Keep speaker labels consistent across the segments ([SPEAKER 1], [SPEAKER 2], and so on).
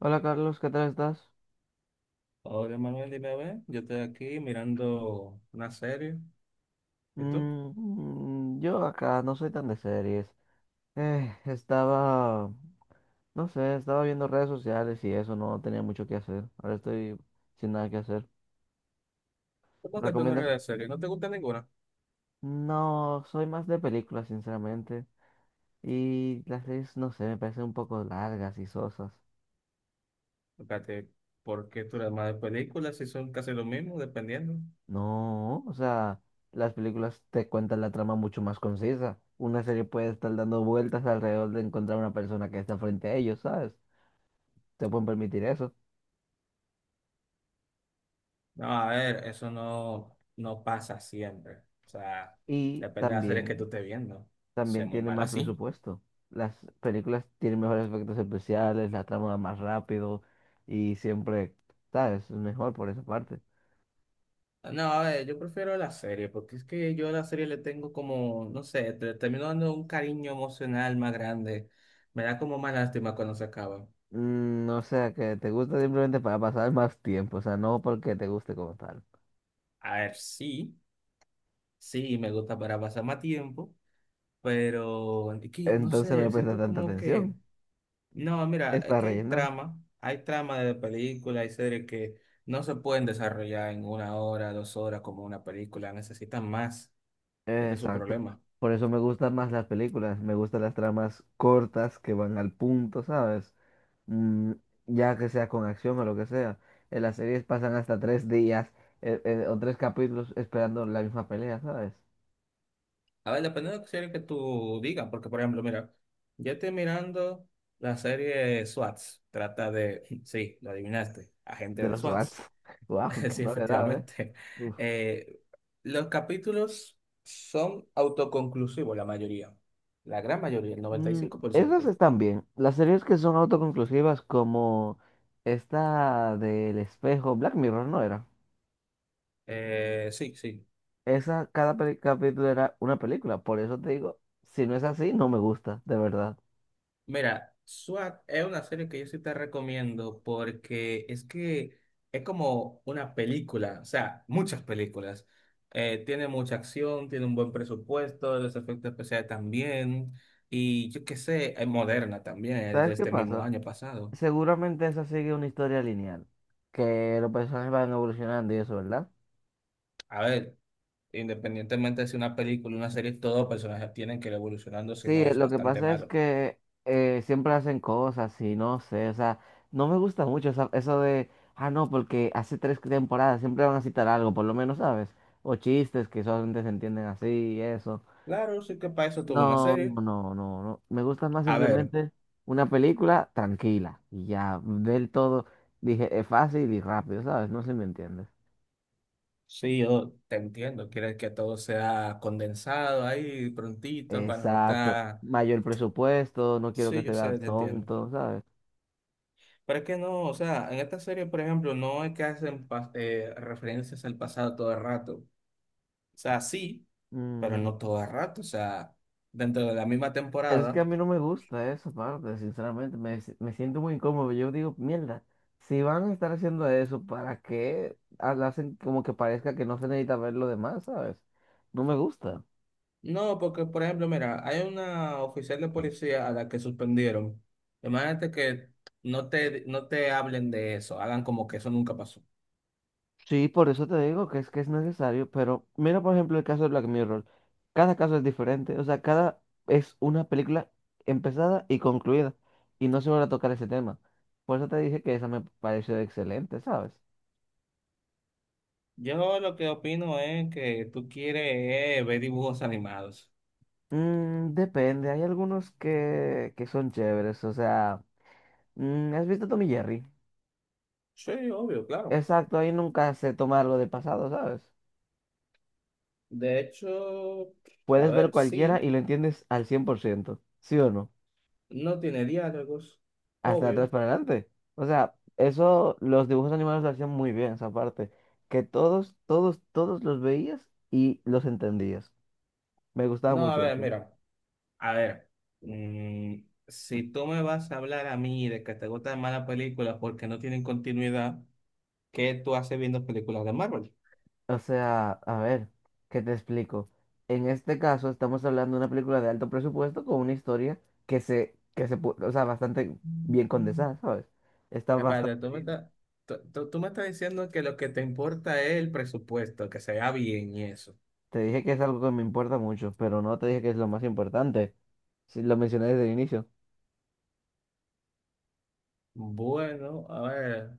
[SPEAKER 1] Hola Carlos, ¿qué tal estás?
[SPEAKER 2] Hola Manuel, dime a ver, yo estoy aquí mirando una serie. ¿Y tú?
[SPEAKER 1] Mm, yo acá no soy tan de series. Eh, estaba, no sé, estaba viendo redes sociales y eso, no tenía mucho que hacer. Ahora estoy sin nada que hacer.
[SPEAKER 2] ¿Cómo que tú no eres
[SPEAKER 1] ¿Recomiendas?
[SPEAKER 2] de serie? ¿No te gusta ninguna?
[SPEAKER 1] No, soy más de películas, sinceramente. Y las series, no sé, me parecen un poco largas y sosas.
[SPEAKER 2] Espérate, ¿por qué tú eres más de películas si son casi lo mismo, dependiendo?
[SPEAKER 1] No, o sea, las películas te cuentan la trama mucho más concisa. Una serie puede estar dando vueltas alrededor de encontrar una persona que está frente a ellos, ¿sabes? Te pueden permitir eso.
[SPEAKER 2] No, a ver, eso no pasa siempre. O sea,
[SPEAKER 1] Y
[SPEAKER 2] depende de la serie que tú
[SPEAKER 1] también,
[SPEAKER 2] estés viendo. Sé
[SPEAKER 1] también
[SPEAKER 2] muy
[SPEAKER 1] tienen
[SPEAKER 2] mal
[SPEAKER 1] más
[SPEAKER 2] así.
[SPEAKER 1] presupuesto. Las películas tienen mejores efectos especiales, la trama va más rápido y siempre, ¿sabes? Es mejor por esa parte.
[SPEAKER 2] No, a ver, yo prefiero la serie, porque es que yo a la serie le tengo como, no sé, termino dando un cariño emocional más grande. Me da como más lástima cuando se acaba.
[SPEAKER 1] Mm, o sea, que te gusta simplemente para pasar más tiempo, o sea, no porque te guste como tal.
[SPEAKER 2] A ver, sí. Sí, me gusta para pasar más tiempo, pero es que, no
[SPEAKER 1] Entonces no le
[SPEAKER 2] sé,
[SPEAKER 1] prestas
[SPEAKER 2] siento
[SPEAKER 1] tanta
[SPEAKER 2] como que,
[SPEAKER 1] atención.
[SPEAKER 2] no, mira,
[SPEAKER 1] Es
[SPEAKER 2] es
[SPEAKER 1] para
[SPEAKER 2] que
[SPEAKER 1] rellenar.
[SPEAKER 2] hay trama de películas hay series que no se pueden desarrollar en una hora, dos horas como una película, necesitan más, ese es su
[SPEAKER 1] Exacto.
[SPEAKER 2] problema.
[SPEAKER 1] Por eso me gustan más las películas, me gustan las tramas cortas que van al punto, ¿sabes? Mm, ya que sea con acción o lo que sea. En las series pasan hasta 3 días o tres capítulos esperando la misma pelea, ¿sabes?
[SPEAKER 2] A ver, depende de la serie que tú digas, porque por ejemplo, mira, yo estoy mirando la serie SWATs, trata de, sí, lo adivinaste, agente
[SPEAKER 1] De
[SPEAKER 2] de
[SPEAKER 1] los
[SPEAKER 2] SWAT.
[SPEAKER 1] SWATs. ¡Wow! ¡Qué
[SPEAKER 2] Sí,
[SPEAKER 1] novedad, eh!
[SPEAKER 2] efectivamente.
[SPEAKER 1] Uf.
[SPEAKER 2] Eh, los capítulos son autoconclusivos, la mayoría. La gran mayoría, el
[SPEAKER 1] Mm, esas
[SPEAKER 2] 95%.
[SPEAKER 1] están bien. Las series que son autoconclusivas como esta del espejo, Black Mirror, ¿no era?
[SPEAKER 2] Sí, sí.
[SPEAKER 1] Esa, cada capítulo era una película. Por eso te digo, si no es así, no me gusta, de verdad.
[SPEAKER 2] Mira, SWAT es una serie que yo sí te recomiendo porque es que es como una película, o sea, muchas películas. Tiene mucha acción, tiene un buen presupuesto, los efectos especiales también. Y yo qué sé, es moderna también, es de
[SPEAKER 1] ¿Sabes qué
[SPEAKER 2] este mismo
[SPEAKER 1] pasa?
[SPEAKER 2] año pasado.
[SPEAKER 1] Seguramente esa sigue una historia lineal, que los personajes van evolucionando y eso, ¿verdad?
[SPEAKER 2] A ver. Independientemente de si una película, una serie, todos personajes tienen que ir evolucionando, si
[SPEAKER 1] Sí,
[SPEAKER 2] no es
[SPEAKER 1] lo que
[SPEAKER 2] bastante
[SPEAKER 1] pasa es
[SPEAKER 2] malo.
[SPEAKER 1] que siempre hacen cosas y no sé, o sea, no me gusta mucho eso de, ah, no, porque hace tres temporadas siempre van a citar algo, por lo menos, ¿sabes? O chistes que solamente se entienden así y eso.
[SPEAKER 2] Claro, sí que para eso tuvo una
[SPEAKER 1] No,
[SPEAKER 2] serie.
[SPEAKER 1] no, no, no, no. Me gusta más
[SPEAKER 2] A ver,
[SPEAKER 1] simplemente una película tranquila y ya del todo, dije, es fácil y rápido, ¿sabes? No sé si me entiendes.
[SPEAKER 2] sí, yo te entiendo, quieres que todo sea condensado ahí prontito para no
[SPEAKER 1] Exacto.
[SPEAKER 2] estar...
[SPEAKER 1] Mayor presupuesto, no quiero que
[SPEAKER 2] Sí,
[SPEAKER 1] se
[SPEAKER 2] yo
[SPEAKER 1] vea
[SPEAKER 2] sé, te entiendo.
[SPEAKER 1] tonto, ¿sabes?
[SPEAKER 2] Pero es que no, o sea, en esta serie, por ejemplo, no es que hacen referencias al pasado todo el rato. O sea, sí, pero
[SPEAKER 1] Mm,
[SPEAKER 2] no todo el rato. O sea, dentro de la misma
[SPEAKER 1] es que a
[SPEAKER 2] temporada.
[SPEAKER 1] mí no me gusta esa parte, sinceramente. Me siento muy incómodo. Yo digo, mierda, si van a estar haciendo eso, ¿para qué? Ah, lo hacen como que parezca que no se necesita ver lo demás, ¿sabes? No me gusta.
[SPEAKER 2] No, porque por ejemplo, mira, hay una oficial de policía a la que suspendieron. Imagínate que no te hablen de eso, hagan como que eso nunca pasó.
[SPEAKER 1] Sí, por eso te digo que es necesario, pero mira por ejemplo el caso de Black Mirror. Cada caso es diferente, o sea, cada es una película empezada y concluida, y no se vuelve a tocar ese tema. Por eso te dije que esa me pareció excelente, ¿sabes?
[SPEAKER 2] Yo lo que opino es que tú quieres ver dibujos animados.
[SPEAKER 1] Mm, depende, hay algunos que son chéveres, o sea, ¿has visto Tommy Jerry?
[SPEAKER 2] Sí, obvio, claro.
[SPEAKER 1] Exacto, ahí nunca se toma algo del pasado, ¿sabes?
[SPEAKER 2] De hecho, a
[SPEAKER 1] Puedes ver
[SPEAKER 2] ver,
[SPEAKER 1] cualquiera
[SPEAKER 2] sí,
[SPEAKER 1] y lo entiendes al 100%, ¿sí o no?
[SPEAKER 2] no tiene diálogos,
[SPEAKER 1] Hasta atrás
[SPEAKER 2] obvio.
[SPEAKER 1] para adelante. O sea, eso los dibujos animados lo hacían muy bien, esa parte. Que todos, todos, todos los veías y los entendías. Me gustaba
[SPEAKER 2] No, a
[SPEAKER 1] mucho
[SPEAKER 2] ver,
[SPEAKER 1] eso.
[SPEAKER 2] mira, a ver, mm, si tú me vas a hablar a mí de que te gustan malas películas porque no tienen continuidad. ¿Qué tú haces viendo películas de Marvel?
[SPEAKER 1] O sea, a ver, ¿qué te explico? En este caso estamos hablando de una película de alto presupuesto con una historia que se, o sea, bastante bien condensada, ¿sabes? Está
[SPEAKER 2] Espérate,
[SPEAKER 1] bastante
[SPEAKER 2] tú me
[SPEAKER 1] bien.
[SPEAKER 2] estás, tú me estás diciendo que lo que te importa es el presupuesto, que se vea bien y eso.
[SPEAKER 1] Te dije que es algo que me importa mucho, pero no te dije que es lo más importante. Si lo mencioné desde el inicio.
[SPEAKER 2] Bueno, a ver,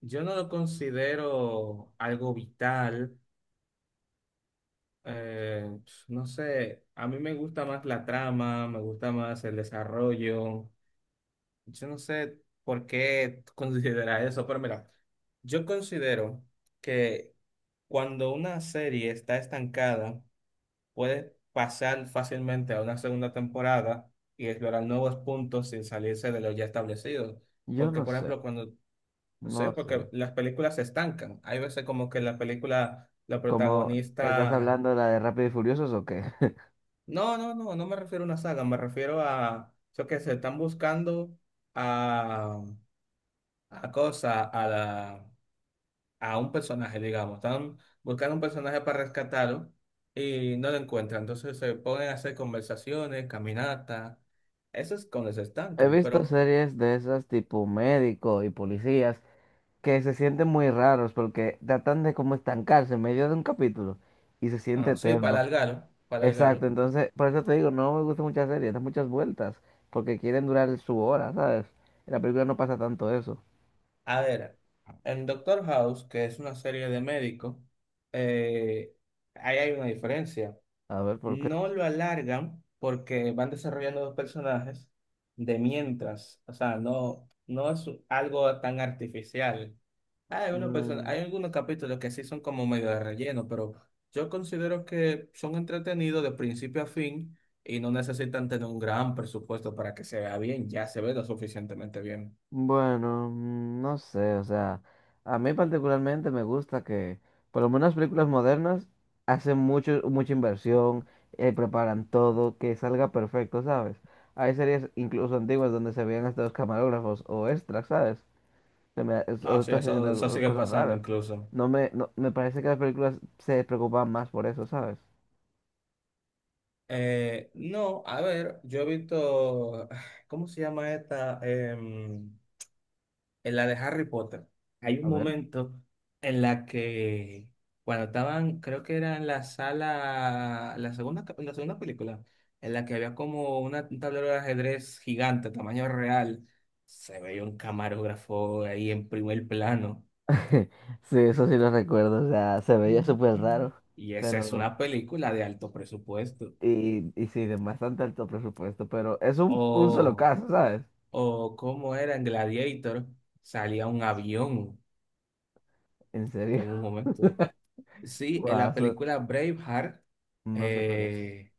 [SPEAKER 2] yo no lo considero algo vital. eh, no sé, a mí me gusta más la trama, me gusta más el desarrollo. Yo no sé por qué tú consideras eso, pero mira, yo considero que cuando una serie está estancada, puede pasar fácilmente a una segunda temporada y explorar nuevos puntos sin salirse de lo ya establecido.
[SPEAKER 1] Yo
[SPEAKER 2] Porque,
[SPEAKER 1] no
[SPEAKER 2] por
[SPEAKER 1] sé,
[SPEAKER 2] ejemplo, cuando, o
[SPEAKER 1] no
[SPEAKER 2] sea, porque
[SPEAKER 1] sé.
[SPEAKER 2] las películas se estancan. Hay veces como que la película, la
[SPEAKER 1] ¿Cómo estás
[SPEAKER 2] protagonista,
[SPEAKER 1] hablando la de Rápido y Furiosos o qué?
[SPEAKER 2] no, no, no, no me refiero a una saga, me refiero a, yo que se están buscando a, a cosa, a la a un personaje, digamos. Están buscando un personaje para rescatarlo y no lo encuentran. Entonces se ponen a hacer conversaciones, caminatas. Eso es cuando se
[SPEAKER 1] He
[SPEAKER 2] estancan.
[SPEAKER 1] visto
[SPEAKER 2] Pero,
[SPEAKER 1] series de esas tipo médico y policías que se sienten muy raros porque tratan de como estancarse en medio de un capítulo y se siente
[SPEAKER 2] ah, sí, para
[SPEAKER 1] eterno.
[SPEAKER 2] alargarlo, para
[SPEAKER 1] Exacto,
[SPEAKER 2] alargarlo.
[SPEAKER 1] entonces por eso te digo, no me gustan muchas series, dan muchas vueltas porque quieren durar su hora, ¿sabes? En la película no pasa tanto eso.
[SPEAKER 2] A ver, en Doctor House, que es una serie de médicos, eh, ahí hay una diferencia.
[SPEAKER 1] A ver, ¿por qué?
[SPEAKER 2] No lo alargan porque van desarrollando dos personajes de mientras. O sea, no, no es algo tan artificial. Hay, algunos
[SPEAKER 1] Mm.
[SPEAKER 2] hay algunos capítulos que sí son como medio de relleno, pero yo considero que son entretenidos de principio a fin y no necesitan tener un gran presupuesto para que se vea bien, ya se ve lo suficientemente bien.
[SPEAKER 1] Bueno, no sé, o sea, a mí particularmente me gusta que, por lo menos las películas modernas, hacen mucha inversión, preparan todo, que salga perfecto, ¿sabes? Hay series incluso antiguas donde se veían hasta los camarógrafos o extras, ¿sabes?
[SPEAKER 2] No,
[SPEAKER 1] O
[SPEAKER 2] sí,
[SPEAKER 1] estás haciendo
[SPEAKER 2] eso sigue
[SPEAKER 1] cosas
[SPEAKER 2] pasando
[SPEAKER 1] raras.
[SPEAKER 2] incluso.
[SPEAKER 1] No me, no, me parece que las películas se preocupan más por eso, ¿sabes?
[SPEAKER 2] No, a ver, yo he visto, ¿cómo se llama esta? En la de Harry Potter, hay un
[SPEAKER 1] A ver.
[SPEAKER 2] momento en la que cuando estaban, creo que era en la sala, la segunda, la segunda película, en la que había como una, un tablero de ajedrez gigante, tamaño real, se veía un camarógrafo ahí en primer plano.
[SPEAKER 1] Sí, eso sí lo recuerdo, o sea, se veía súper
[SPEAKER 2] Ujú.
[SPEAKER 1] raro,
[SPEAKER 2] Y esa es
[SPEAKER 1] pero.
[SPEAKER 2] una película de alto presupuesto.
[SPEAKER 1] Y sí, de bastante alto presupuesto, pero es un solo
[SPEAKER 2] O,
[SPEAKER 1] caso, ¿sabes?
[SPEAKER 2] o como era en Gladiator, salía un avión
[SPEAKER 1] En serio.
[SPEAKER 2] en un momento. Sí, en
[SPEAKER 1] Guau,
[SPEAKER 2] la
[SPEAKER 1] so-
[SPEAKER 2] película Braveheart
[SPEAKER 1] no sé cuál es.
[SPEAKER 2] eh,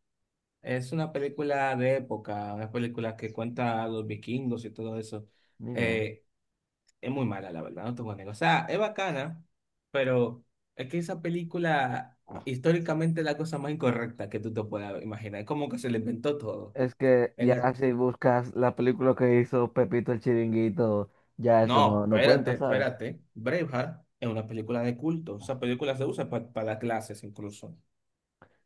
[SPEAKER 2] es una película de época, una película que cuenta a los vikingos y todo eso.
[SPEAKER 1] Mira,
[SPEAKER 2] Eh, es muy mala, la verdad, no te voy a negar. O sea, es bacana, pero es que esa película históricamente es la cosa más incorrecta que tú te puedas imaginar. Es como que se le inventó todo.
[SPEAKER 1] es que
[SPEAKER 2] En
[SPEAKER 1] ya
[SPEAKER 2] el-
[SPEAKER 1] si buscas la película que hizo Pepito el Chiringuito, ya eso
[SPEAKER 2] No,
[SPEAKER 1] no cuenta,
[SPEAKER 2] espérate,
[SPEAKER 1] ¿sabes?
[SPEAKER 2] espérate. Braveheart es una película de culto. Esa película se usa para las clases incluso,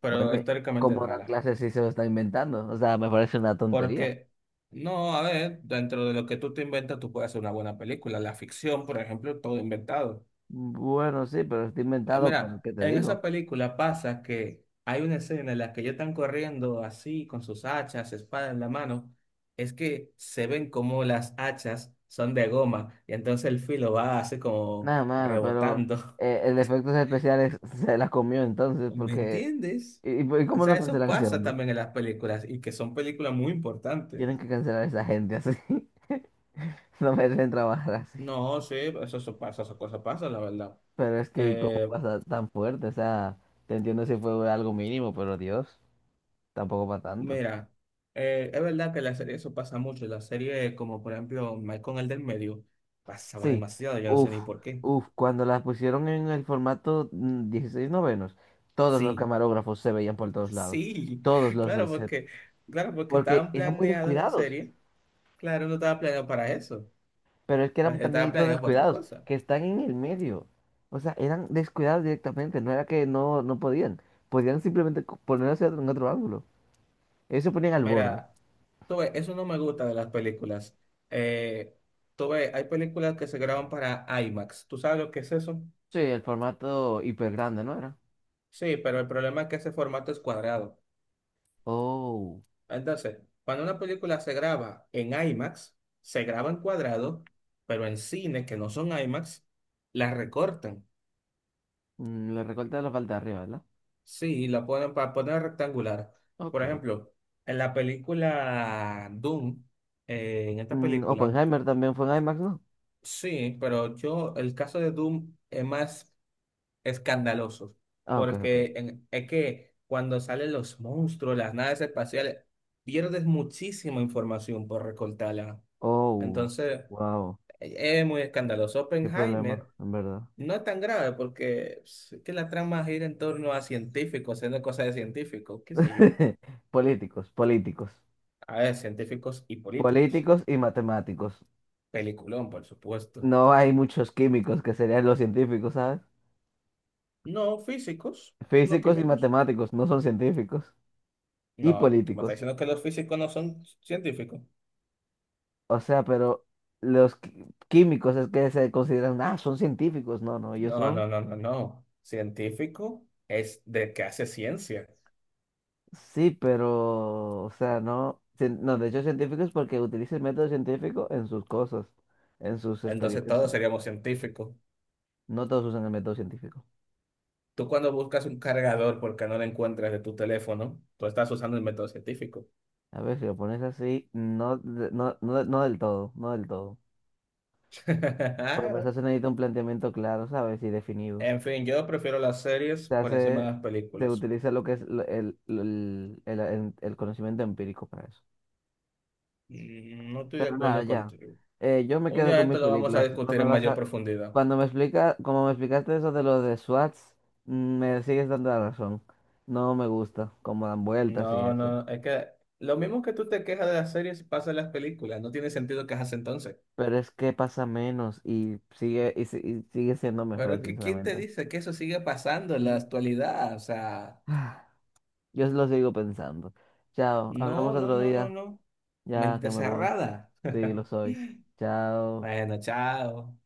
[SPEAKER 2] pero
[SPEAKER 1] Bueno, y
[SPEAKER 2] históricamente es
[SPEAKER 1] ¿cómo dan
[SPEAKER 2] mala.
[SPEAKER 1] clases si se lo está inventando? O sea, me parece una tontería.
[SPEAKER 2] Porque, no, a ver, dentro de lo que tú te inventas, tú puedes hacer una buena película. La ficción, por ejemplo, todo inventado.
[SPEAKER 1] Bueno, sí, pero está
[SPEAKER 2] Ah,
[SPEAKER 1] inventado, pero
[SPEAKER 2] mira,
[SPEAKER 1] ¿qué te
[SPEAKER 2] en
[SPEAKER 1] digo?
[SPEAKER 2] esa película pasa que hay una escena en la que ellos están corriendo así, con sus hachas, espada en la mano. Es que se ven como las hachas son de goma y entonces el filo va así como
[SPEAKER 1] Nada, mano, pero
[SPEAKER 2] rebotando.
[SPEAKER 1] el de efectos especiales se la comió entonces,
[SPEAKER 2] ¿Me
[SPEAKER 1] porque.
[SPEAKER 2] entiendes?
[SPEAKER 1] ¿Y
[SPEAKER 2] O
[SPEAKER 1] cómo
[SPEAKER 2] sea,
[SPEAKER 1] no
[SPEAKER 2] eso
[SPEAKER 1] cancelan a ese
[SPEAKER 2] pasa
[SPEAKER 1] hombre?
[SPEAKER 2] también en las películas y que son películas muy importantes.
[SPEAKER 1] Tienen que cancelar a esa gente así. No merecen trabajar así.
[SPEAKER 2] No, sí, eso pasa, esas cosas pasan, la verdad.
[SPEAKER 1] Pero es que, ¿cómo
[SPEAKER 2] Eh,
[SPEAKER 1] pasa tan fuerte? O sea, te entiendo si fue algo mínimo, pero Dios, tampoco para tanto.
[SPEAKER 2] Mira, es verdad que en la serie eso pasa mucho. En la serie, como por ejemplo, Mike con el del medio, pasaba
[SPEAKER 1] Sí,
[SPEAKER 2] demasiado, yo no sé
[SPEAKER 1] uff,
[SPEAKER 2] ni por qué.
[SPEAKER 1] cuando las pusieron en el formato 16 novenos, todos los
[SPEAKER 2] Sí,
[SPEAKER 1] camarógrafos se veían por todos lados.
[SPEAKER 2] sí,
[SPEAKER 1] Todos los del
[SPEAKER 2] claro,
[SPEAKER 1] set.
[SPEAKER 2] porque, claro, porque
[SPEAKER 1] Porque
[SPEAKER 2] estaban
[SPEAKER 1] eran muy
[SPEAKER 2] planeadas la
[SPEAKER 1] descuidados.
[SPEAKER 2] serie. Claro, no estaba planeado para eso.
[SPEAKER 1] Pero es que
[SPEAKER 2] La
[SPEAKER 1] eran
[SPEAKER 2] serie estaba
[SPEAKER 1] también todos
[SPEAKER 2] planeado para otra
[SPEAKER 1] descuidados,
[SPEAKER 2] cosa.
[SPEAKER 1] que están en el medio. O sea, eran descuidados directamente. No era que no podían. Podían simplemente ponerse en otro ángulo. Ellos se ponían al borde.
[SPEAKER 2] Mira, tú ves, eso no me gusta de las películas. Eh, Tú ves, hay películas que se graban para IMAX. ¿Tú sabes lo que es eso?
[SPEAKER 1] Sí, el formato hiper grande, ¿no era?
[SPEAKER 2] Sí, pero el problema es que ese formato es cuadrado.
[SPEAKER 1] Oh,
[SPEAKER 2] Entonces, cuando una película se graba en IMAX, se graba en cuadrado, pero en cines que no son IMAX, la recortan.
[SPEAKER 1] le recorta la parte de arriba, ¿verdad?
[SPEAKER 2] Sí, y la ponen para poner rectangular.
[SPEAKER 1] Ok.
[SPEAKER 2] Por ejemplo, en la película Doom, en esta
[SPEAKER 1] Mm,
[SPEAKER 2] película,
[SPEAKER 1] Oppenheimer también fue en IMAX, ¿no?
[SPEAKER 2] sí, pero yo, el caso de Doom es más escandaloso,
[SPEAKER 1] Ah, ok, ok.
[SPEAKER 2] es que cuando salen los monstruos, las naves espaciales, pierdes muchísima información por recortarla.
[SPEAKER 1] Oh,
[SPEAKER 2] Entonces...
[SPEAKER 1] wow.
[SPEAKER 2] Es muy escandaloso.
[SPEAKER 1] Qué problema,
[SPEAKER 2] Oppenheimer
[SPEAKER 1] en verdad.
[SPEAKER 2] no es tan grave porque pues, es que la trama gira en torno a científicos, haciendo cosas de científicos, qué sé yo.
[SPEAKER 1] Políticos, políticos.
[SPEAKER 2] A ver, científicos y políticos.
[SPEAKER 1] Políticos y matemáticos.
[SPEAKER 2] Peliculón, por supuesto.
[SPEAKER 1] No hay muchos químicos que serían los científicos, ¿sabes?
[SPEAKER 2] No físicos, no
[SPEAKER 1] Físicos y
[SPEAKER 2] químicos.
[SPEAKER 1] matemáticos no son científicos. Y
[SPEAKER 2] No, tú me estás
[SPEAKER 1] políticos.
[SPEAKER 2] diciendo que los físicos no son científicos.
[SPEAKER 1] O sea, pero los químicos es que se consideran, ah, son científicos. No, no, ellos
[SPEAKER 2] No,
[SPEAKER 1] son,
[SPEAKER 2] no, no, no, no. Científico es de que hace ciencia.
[SPEAKER 1] sí, pero, o sea, no, no, de hecho científicos porque utilizan el método científico en sus cosas, en sus
[SPEAKER 2] Entonces
[SPEAKER 1] experimentos.
[SPEAKER 2] todos seríamos científicos.
[SPEAKER 1] No todos usan el método científico.
[SPEAKER 2] Tú cuando buscas un cargador porque no lo encuentras de tu teléfono, tú estás usando el método científico.
[SPEAKER 1] A ver, si lo pones así, no, no, no, no del todo, no del todo. Porque para eso se necesita un planteamiento claro, ¿sabes? Y definido.
[SPEAKER 2] En fin, yo prefiero las series
[SPEAKER 1] Se
[SPEAKER 2] por encima
[SPEAKER 1] hace,
[SPEAKER 2] de las
[SPEAKER 1] se
[SPEAKER 2] películas.
[SPEAKER 1] utiliza lo que es el conocimiento empírico para eso.
[SPEAKER 2] Mm, no estoy de
[SPEAKER 1] Pero nada,
[SPEAKER 2] acuerdo
[SPEAKER 1] ya.
[SPEAKER 2] contigo.
[SPEAKER 1] Yo me
[SPEAKER 2] Un
[SPEAKER 1] quedo
[SPEAKER 2] día
[SPEAKER 1] con
[SPEAKER 2] esto
[SPEAKER 1] mis
[SPEAKER 2] lo vamos a
[SPEAKER 1] películas. No
[SPEAKER 2] discutir
[SPEAKER 1] me
[SPEAKER 2] en
[SPEAKER 1] vas
[SPEAKER 2] mayor
[SPEAKER 1] a.
[SPEAKER 2] profundidad.
[SPEAKER 1] Cuando como me explicaste eso de lo de SWATs. Me sigues dando la razón. No me gusta cómo dan vueltas y
[SPEAKER 2] No,
[SPEAKER 1] eso.
[SPEAKER 2] no, es que lo mismo que tú te quejas de las series pasa en las películas. No tiene sentido quejarse entonces.
[SPEAKER 1] Pero es que pasa menos y sigue, y, si- y sigue siendo
[SPEAKER 2] Pero es
[SPEAKER 1] mejor,
[SPEAKER 2] que ¿quién te
[SPEAKER 1] sinceramente.
[SPEAKER 2] dice que eso sigue pasando en la
[SPEAKER 1] Mm.
[SPEAKER 2] actualidad? O sea,
[SPEAKER 1] Yo lo sigo pensando. Chao, hablamos
[SPEAKER 2] no, no,
[SPEAKER 1] otro
[SPEAKER 2] no, no,
[SPEAKER 1] día.
[SPEAKER 2] no.
[SPEAKER 1] Ya que
[SPEAKER 2] Mente
[SPEAKER 1] me voy.
[SPEAKER 2] cerrada.
[SPEAKER 1] Sí, lo soy. Chao.
[SPEAKER 2] Bueno, chao.